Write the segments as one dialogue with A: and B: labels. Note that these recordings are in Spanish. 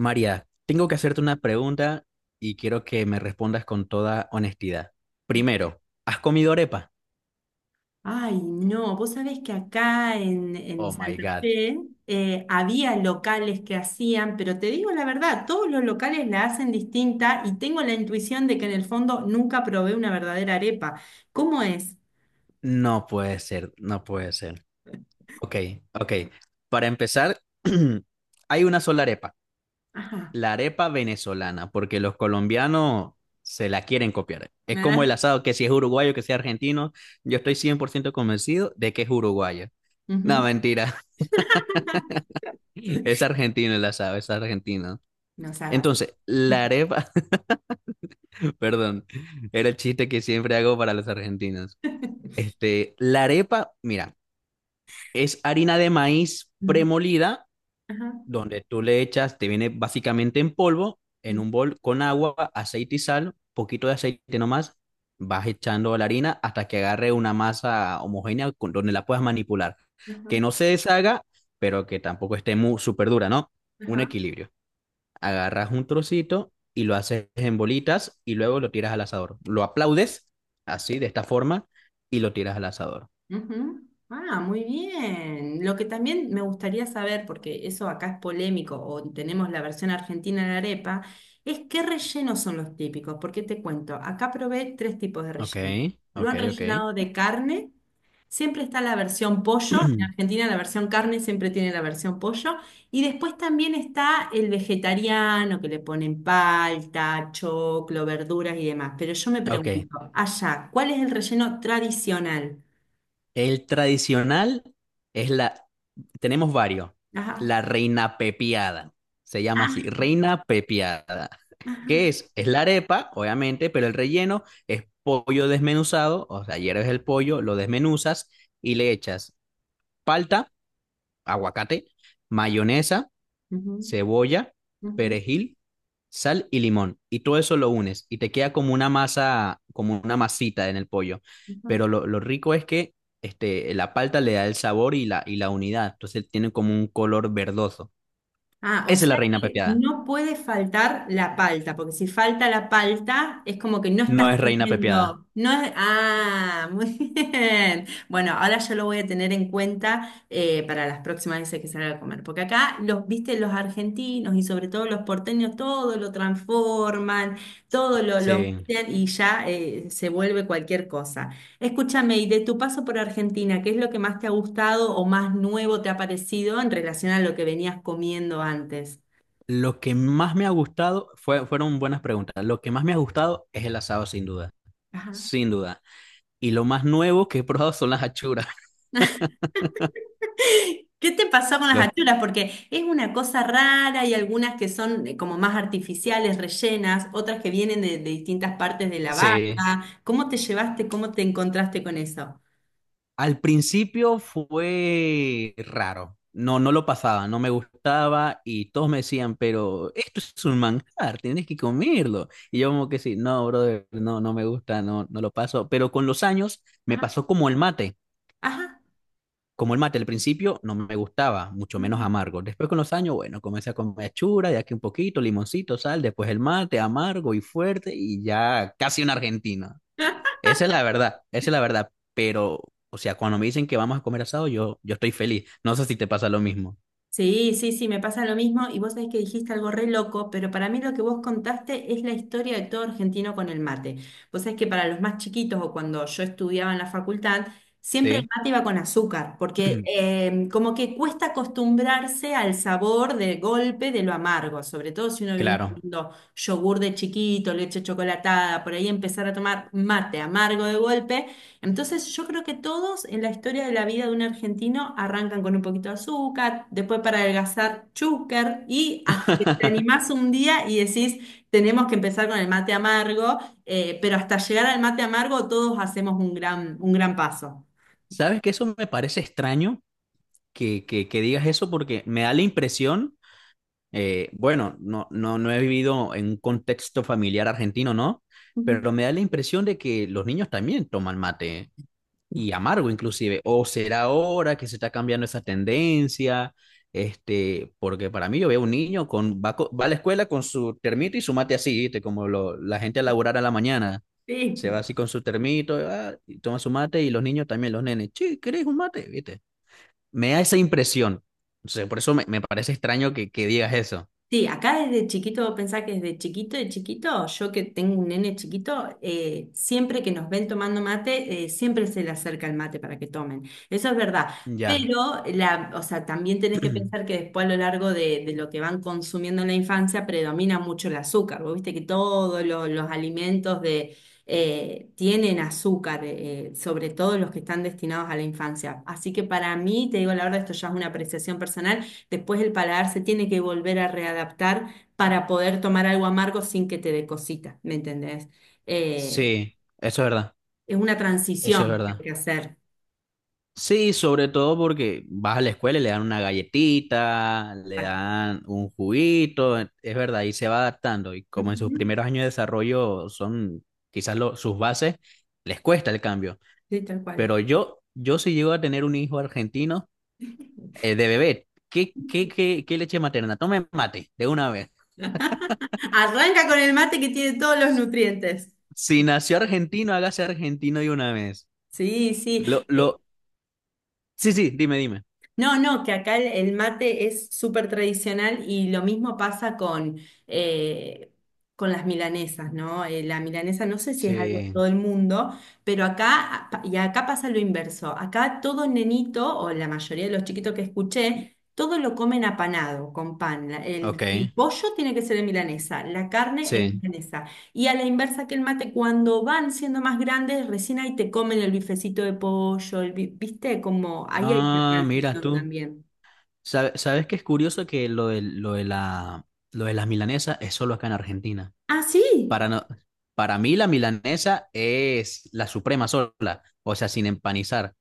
A: María, tengo que hacerte una pregunta y quiero que me respondas con toda honestidad. Primero, ¿has comido arepa?
B: Ay, no, vos sabés que acá en
A: Oh my
B: Santa
A: God,
B: Fe había locales que hacían, pero te digo la verdad, todos los locales la hacen distinta y tengo la intuición de que en el fondo nunca probé una verdadera arepa. ¿Cómo es?
A: no puede ser, no puede ser. Ok, ok. Para empezar, hay una sola arepa,
B: Ajá.
A: la arepa venezolana, porque los colombianos se la quieren copiar. Es como el
B: Ah,
A: asado, que si es uruguayo, que sea argentino, yo estoy 100% convencido de que es uruguayo. No,
B: ujú.
A: mentira, es argentino el asado, es argentino.
B: No seas.
A: Entonces, la arepa. Perdón, era el chiste que siempre hago para los argentinos. La arepa, mira, es harina de maíz
B: Ujú.
A: premolida,
B: Ajá.
A: donde tú le echas, te viene básicamente en polvo, en
B: Ujú.
A: un bol con agua, aceite y sal, poquito de aceite nomás, vas echando la harina hasta que agarre una masa homogénea donde la puedas manipular.
B: Ajá.
A: Que no se deshaga, pero que tampoco esté muy súper dura, ¿no? Un
B: Ajá.
A: equilibrio, agarras un trocito y lo haces en bolitas y luego lo tiras al asador. Lo aplaudes así, de esta forma, y lo tiras al asador.
B: Ujú. Ah, muy bien. Lo que también me gustaría saber, porque eso acá es polémico, o tenemos la versión argentina de la arepa, es qué rellenos son los típicos. Porque te cuento, acá probé tres tipos de
A: Ok,
B: relleno. Lo
A: ok,
B: han
A: ok.
B: rellenado de carne, siempre está la versión pollo, en Argentina la versión carne siempre tiene la versión pollo, y después también está el vegetariano, que le ponen palta, choclo, verduras y demás. Pero yo me
A: Ok.
B: pregunto, allá, ¿cuál es el relleno tradicional?
A: El tradicional es la... Tenemos varios.
B: Ajá.
A: La reina pepiada. Se llama así,
B: Ah,
A: reina pepiada. ¿Qué
B: ajá.
A: es? Es la arepa, obviamente, pero el relleno es pollo desmenuzado. O sea, hierves el pollo, lo desmenuzas y le echas palta, aguacate, mayonesa,
B: Ujú,
A: cebolla,
B: ujú,
A: perejil, sal y limón. Y todo eso lo unes y te queda como una masa, como una masita en el pollo.
B: ujú.
A: Pero lo rico es que la palta le da el sabor y la unidad. Entonces tiene como un color verdoso.
B: Ah, o
A: Esa es la
B: sea
A: reina
B: que
A: pepiada.
B: no puede faltar la palta, porque si falta la palta es como que no
A: No
B: estás
A: es reina pepiada.
B: comiendo. No es- ah, muy bien. Bueno, ahora yo lo voy a tener en cuenta para las próximas veces que salga a comer, porque acá los, viste, los argentinos y sobre todo los porteños, todo lo transforman, todo lo
A: Sí.
B: meten y ya se vuelve cualquier cosa. Escúchame, y de tu paso por Argentina, ¿qué es lo que más te ha gustado o más nuevo te ha parecido en relación a lo que venías comiendo antes?
A: Lo que más me ha gustado fue, fueron buenas preguntas. Lo que más me ha gustado es el asado, sin duda.
B: Ajá.
A: Sin duda. Y lo más nuevo que he probado son las achuras.
B: ¿Qué te pasó con las
A: Los,
B: achuras? Porque es una cosa rara y algunas que son como más artificiales, rellenas, otras que vienen de distintas partes de la
A: sí.
B: vaca. ¿Cómo te llevaste? ¿Cómo te encontraste con eso?
A: Al principio fue raro. No, no lo pasaba, no me gustaba y todos me decían, pero esto es un manjar, tienes que comerlo. Y yo como que sí, no, brother, no, no me gusta, no, no lo paso. Pero con los años me
B: Ajá,
A: pasó como el mate,
B: ajá.
A: como el mate. Al principio no me gustaba, mucho menos amargo. Después con los años, bueno, comencé a comer chura, de aquí un poquito, limoncito, sal, después el mate, amargo y fuerte y ya casi un argentino. Esa es la verdad, esa es la verdad. Pero, o sea, cuando me dicen que vamos a comer asado, yo estoy feliz. No sé si te pasa lo mismo.
B: Sí, sí, sí, me pasa lo mismo y vos sabés que dijiste algo re loco, pero para mí lo que vos contaste es la historia de todo argentino con el mate. Vos sabés que para los más chiquitos o cuando yo estudiaba en la facultad, siempre
A: Sí.
B: el mate iba con azúcar, porque como que cuesta acostumbrarse al sabor de golpe de lo amargo, sobre todo si uno viene
A: Claro.
B: tomando yogur de chiquito, leche chocolatada, por ahí empezar a tomar mate amargo de golpe. Entonces yo creo que todos en la historia de la vida de un argentino arrancan con un poquito de azúcar, después para adelgazar chúcar y hasta que te animás un día y decís, tenemos que empezar con el mate amargo, pero hasta llegar al mate amargo todos hacemos un gran paso.
A: ¿Sabes que eso me parece extraño que digas eso? Porque me da la impresión, bueno, no, no, no he vivido en un contexto familiar argentino, ¿no?
B: Ujú.
A: Pero me da la impresión de que los niños también toman mate y amargo inclusive. O será ahora que se está cambiando esa tendencia, porque para mí yo veo un niño va a la escuela con su termito y su mate así, ¿viste? Como lo- la gente a laburar a la mañana.
B: Sí.
A: Se va así con su termito, ah, y toma su mate y los niños también, los nenes, che, ¿querés un mate? ¿Viste? Me da esa impresión. Entonces, por eso me parece extraño que digas eso.
B: Sí, acá desde chiquito, pensá que desde chiquito de chiquito, yo que tengo un nene chiquito, siempre que nos ven tomando mate, siempre se le acerca el mate para que tomen. Eso es verdad.
A: Ya.
B: Pero la, o sea, también tenés que pensar que después a lo largo de lo que van consumiendo en la infancia predomina mucho el azúcar. Vos viste que todos los alimentos de, tienen azúcar, sobre todo los que están destinados a la infancia. Así que para mí, te digo la verdad, esto ya es una apreciación personal. Después el paladar se tiene que volver a readaptar para poder tomar algo amargo sin que te dé cosita, ¿me entendés? Eh,
A: Sí, eso es verdad.
B: es una
A: Eso es
B: transición que hay
A: verdad.
B: que hacer.
A: Sí, sobre todo porque vas a la escuela y le dan una galletita, le
B: Ah,
A: dan un juguito, e, es verdad, y se va adaptando. Y como en sus
B: ujú.
A: primeros años de desarrollo son quizás lo- sus bases, les cuesta el cambio.
B: Sí, tal cual.
A: Pero yo si llego a tener un hijo argentino de bebé, ¿qué, qué, qué, qué leche materna? Tome mate de una vez.
B: Arranca con el mate que tiene todos los nutrientes.
A: Si nació argentino, hágase argentino de una vez.
B: Sí, sí.
A: Lo,
B: Eh,
A: lo... Sí, sí, dime, dime.
B: No, no, que acá el mate es súper tradicional y lo mismo pasa con, eh, con las milanesas, ¿no? La milanesa no sé si es algo de
A: Sí,
B: todo el mundo, pero y acá pasa lo inverso. Acá todo nenito, o la mayoría de los chiquitos que escuché, todo lo comen apanado, con pan. La- El,
A: ok,
B: el pollo tiene que ser en milanesa, la carne en
A: sí.
B: milanesa. Y a la inversa que el mate, cuando van siendo más grandes, recién ahí te comen el bifecito de pollo, ¿viste? Como ahí hay una
A: Ah, mira
B: transición
A: tú.
B: también.
A: ¿Sabes qué es curioso que lo de las milanesas es solo acá en Argentina?
B: Ah,
A: Para,
B: sí.
A: no, para mí la milanesa es la suprema sola, o sea, sin empanizar.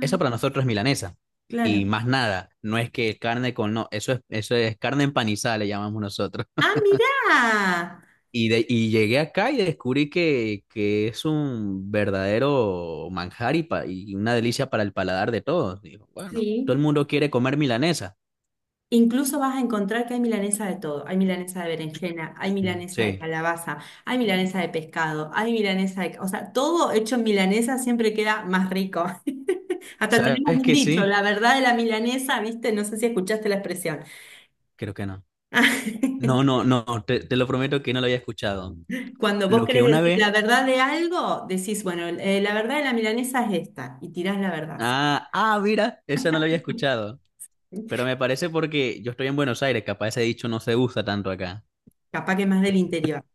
A: Eso para nosotros es milanesa. Y
B: claro.
A: más nada, no es que carne con no, eso es carne empanizada, le llamamos nosotros.
B: Ah, mirá.
A: Y llegué acá y descubrí que es un verdadero manjar y una delicia para el paladar de todos. Digo, bueno, todo el
B: Sí.
A: mundo quiere comer milanesa.
B: Incluso vas a encontrar que hay milanesa de todo. Hay milanesa de berenjena, hay
A: Mm.
B: milanesa de
A: Sí,
B: calabaza, hay milanesa de pescado, hay milanesa de... O sea, todo hecho en milanesa siempre queda más rico. Hasta tenemos
A: ¿sabes
B: un
A: que
B: dicho,
A: sí?
B: la verdad de la milanesa, ¿viste? No sé si escuchaste la expresión.
A: Creo que no. No, no, no, te lo prometo que no lo había escuchado.
B: Cuando vos
A: Lo que
B: querés
A: una
B: decir
A: vez...
B: la verdad de algo, decís, bueno, la verdad de la milanesa es esta, y tirás la verdad.
A: Ah, ah, mira, esa no la había escuchado. Pero me parece porque yo estoy en Buenos Aires, capaz ese dicho no se usa tanto acá.
B: Capaz que más del interior.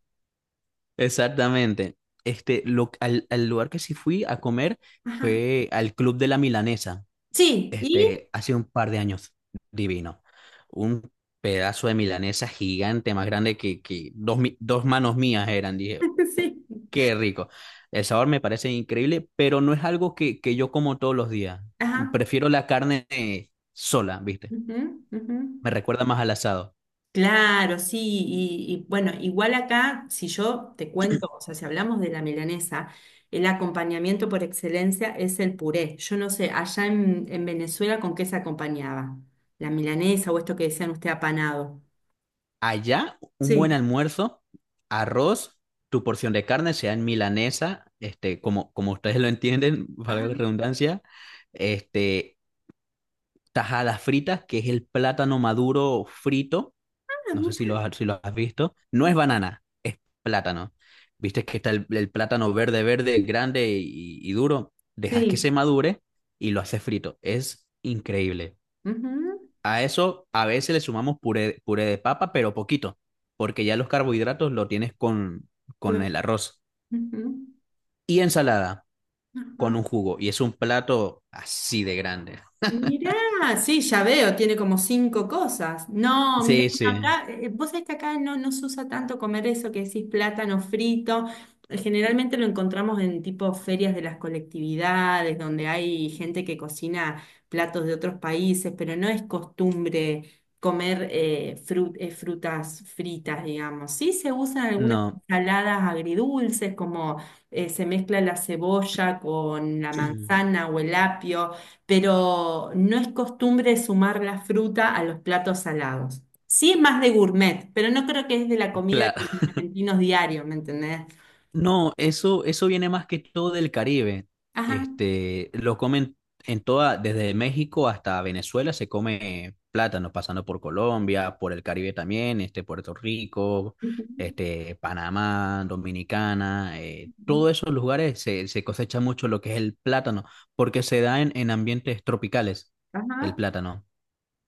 A: Exactamente. Este, al lugar que sí fui a comer
B: Ajá.
A: fue al Club de la Milanesa,
B: Sí, y
A: este, hace un par de años. Divino. Un pedazo de milanesa gigante, más grande que dos, dos manos mías eran. Dije,
B: sí.
A: qué rico. El sabor me parece increíble, pero no es algo que yo como todos los días.
B: Ajá.
A: Prefiero la carne sola, ¿viste?
B: Ujú, ujú.
A: Me recuerda más al asado.
B: Claro, sí, y bueno, igual acá, si yo te cuento, o sea, si hablamos de la milanesa, el acompañamiento por excelencia es el puré. Yo no sé, allá en Venezuela, ¿con qué se acompañaba? La milanesa o esto que decían usted apanado.
A: Allá, un buen
B: Sí.
A: almuerzo, arroz, tu porción de carne, sea en milanesa, este, como, como ustedes lo entienden,
B: Ajá.
A: valga la redundancia, este, tajadas fritas, que es el plátano maduro frito. No sé si lo has, si lo has visto. No es banana, es plátano. Viste que está el plátano verde, verde, grande y duro. Dejas que se
B: Sí.
A: madure y lo haces frito. Es increíble.
B: Ujú.
A: A eso a veces le sumamos puré, puré de papa, pero poquito, porque ya los carbohidratos lo tienes con,
B: Claro.
A: el arroz.
B: Ujú,
A: Y ensalada con
B: ajá.
A: un jugo. Y es un plato así de grande.
B: Mirá, sí, ya veo, tiene como cinco cosas. No, mirá,
A: Sí,
B: bueno,
A: sí.
B: acá, vos sabés que acá no se usa tanto comer eso que decís plátano frito. Generalmente lo encontramos en tipo ferias de las colectividades, donde hay gente que cocina platos de otros países, pero no es costumbre comer frutas fritas, digamos. Sí se usan algunas
A: No.
B: ensaladas agridulces, como se mezcla la cebolla con la manzana o el apio, pero no es costumbre sumar la fruta a los platos salados. Sí es más de gourmet, pero no creo que es de la comida de
A: Claro.
B: los argentinos diarios, ¿me entendés?
A: No, eso viene más que todo del Caribe.
B: Ajá.
A: Este, lo comen en toda, desde México hasta Venezuela se come plátano, pasando por Colombia, por el Caribe también, este, Puerto Rico, este, Panamá, Dominicana,
B: Ujú.
A: todos esos lugares se cosecha mucho lo que es el plátano, porque se da en, ambientes tropicales el
B: Ajá,
A: plátano.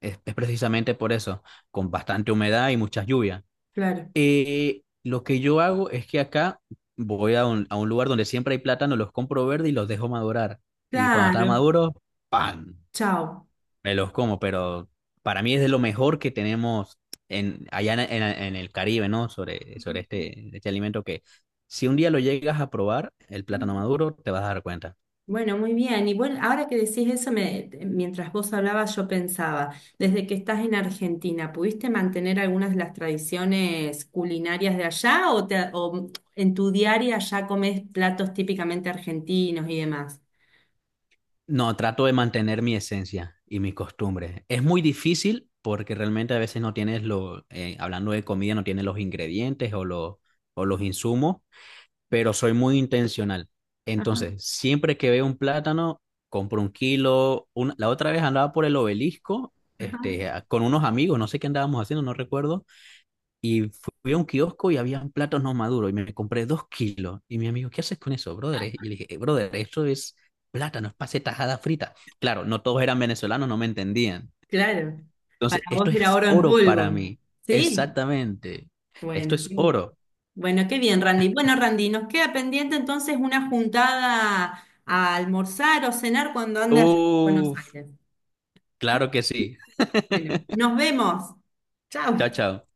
A: Es precisamente por eso, con bastante humedad y muchas lluvias.
B: claro.
A: Lo que yo hago es que acá voy a un lugar donde siempre hay plátanos, los compro verde y los dejo madurar. Y cuando están
B: Claro.
A: maduros, ¡pam!
B: Chao.
A: Me los como, pero para mí es de lo mejor que tenemos allá en el Caribe, ¿no? Sobre este, este alimento que si un día lo llegas a probar, el plátano maduro, te vas a dar cuenta.
B: Bueno, muy bien. Y bueno, ahora que decís eso, mientras vos hablabas, yo pensaba, desde que estás en Argentina, ¿pudiste mantener algunas de las tradiciones culinarias de allá o en tu diaria ya comés platos típicamente argentinos y demás?
A: No, trato de mantener mi esencia y mi costumbre. Es muy difícil porque realmente a veces no tienes hablando de comida, no tienes los ingredientes o los insumos, pero soy muy intencional.
B: Ajá,
A: Entonces, siempre que veo un plátano, compro 1 kilo. La otra vez andaba por el obelisco,
B: ajá.
A: con unos amigos, no sé qué andábamos haciendo, no recuerdo y fui a un kiosco y habían platos no maduros y me compré 2 kilos. Y mi amigo, ¿qué haces con eso, brother? Y yo le dije, brother, eso es plátano, es pase tajada frita." Claro, no todos eran venezolanos, no me entendían.
B: Claro, para
A: Entonces,
B: vos
A: esto
B: era
A: es
B: oro en
A: oro
B: polvo.
A: para mí.
B: Sí,
A: Exactamente. Esto
B: bueno,
A: es
B: qué bien.
A: oro.
B: Bueno, qué bien, Randy. Bueno, Randy, nos queda pendiente entonces una juntada a almorzar o cenar cuando andes a Buenos
A: Uf,
B: Aires.
A: claro que sí.
B: Bueno, nos vemos.
A: Chao,
B: Chao.
A: chao.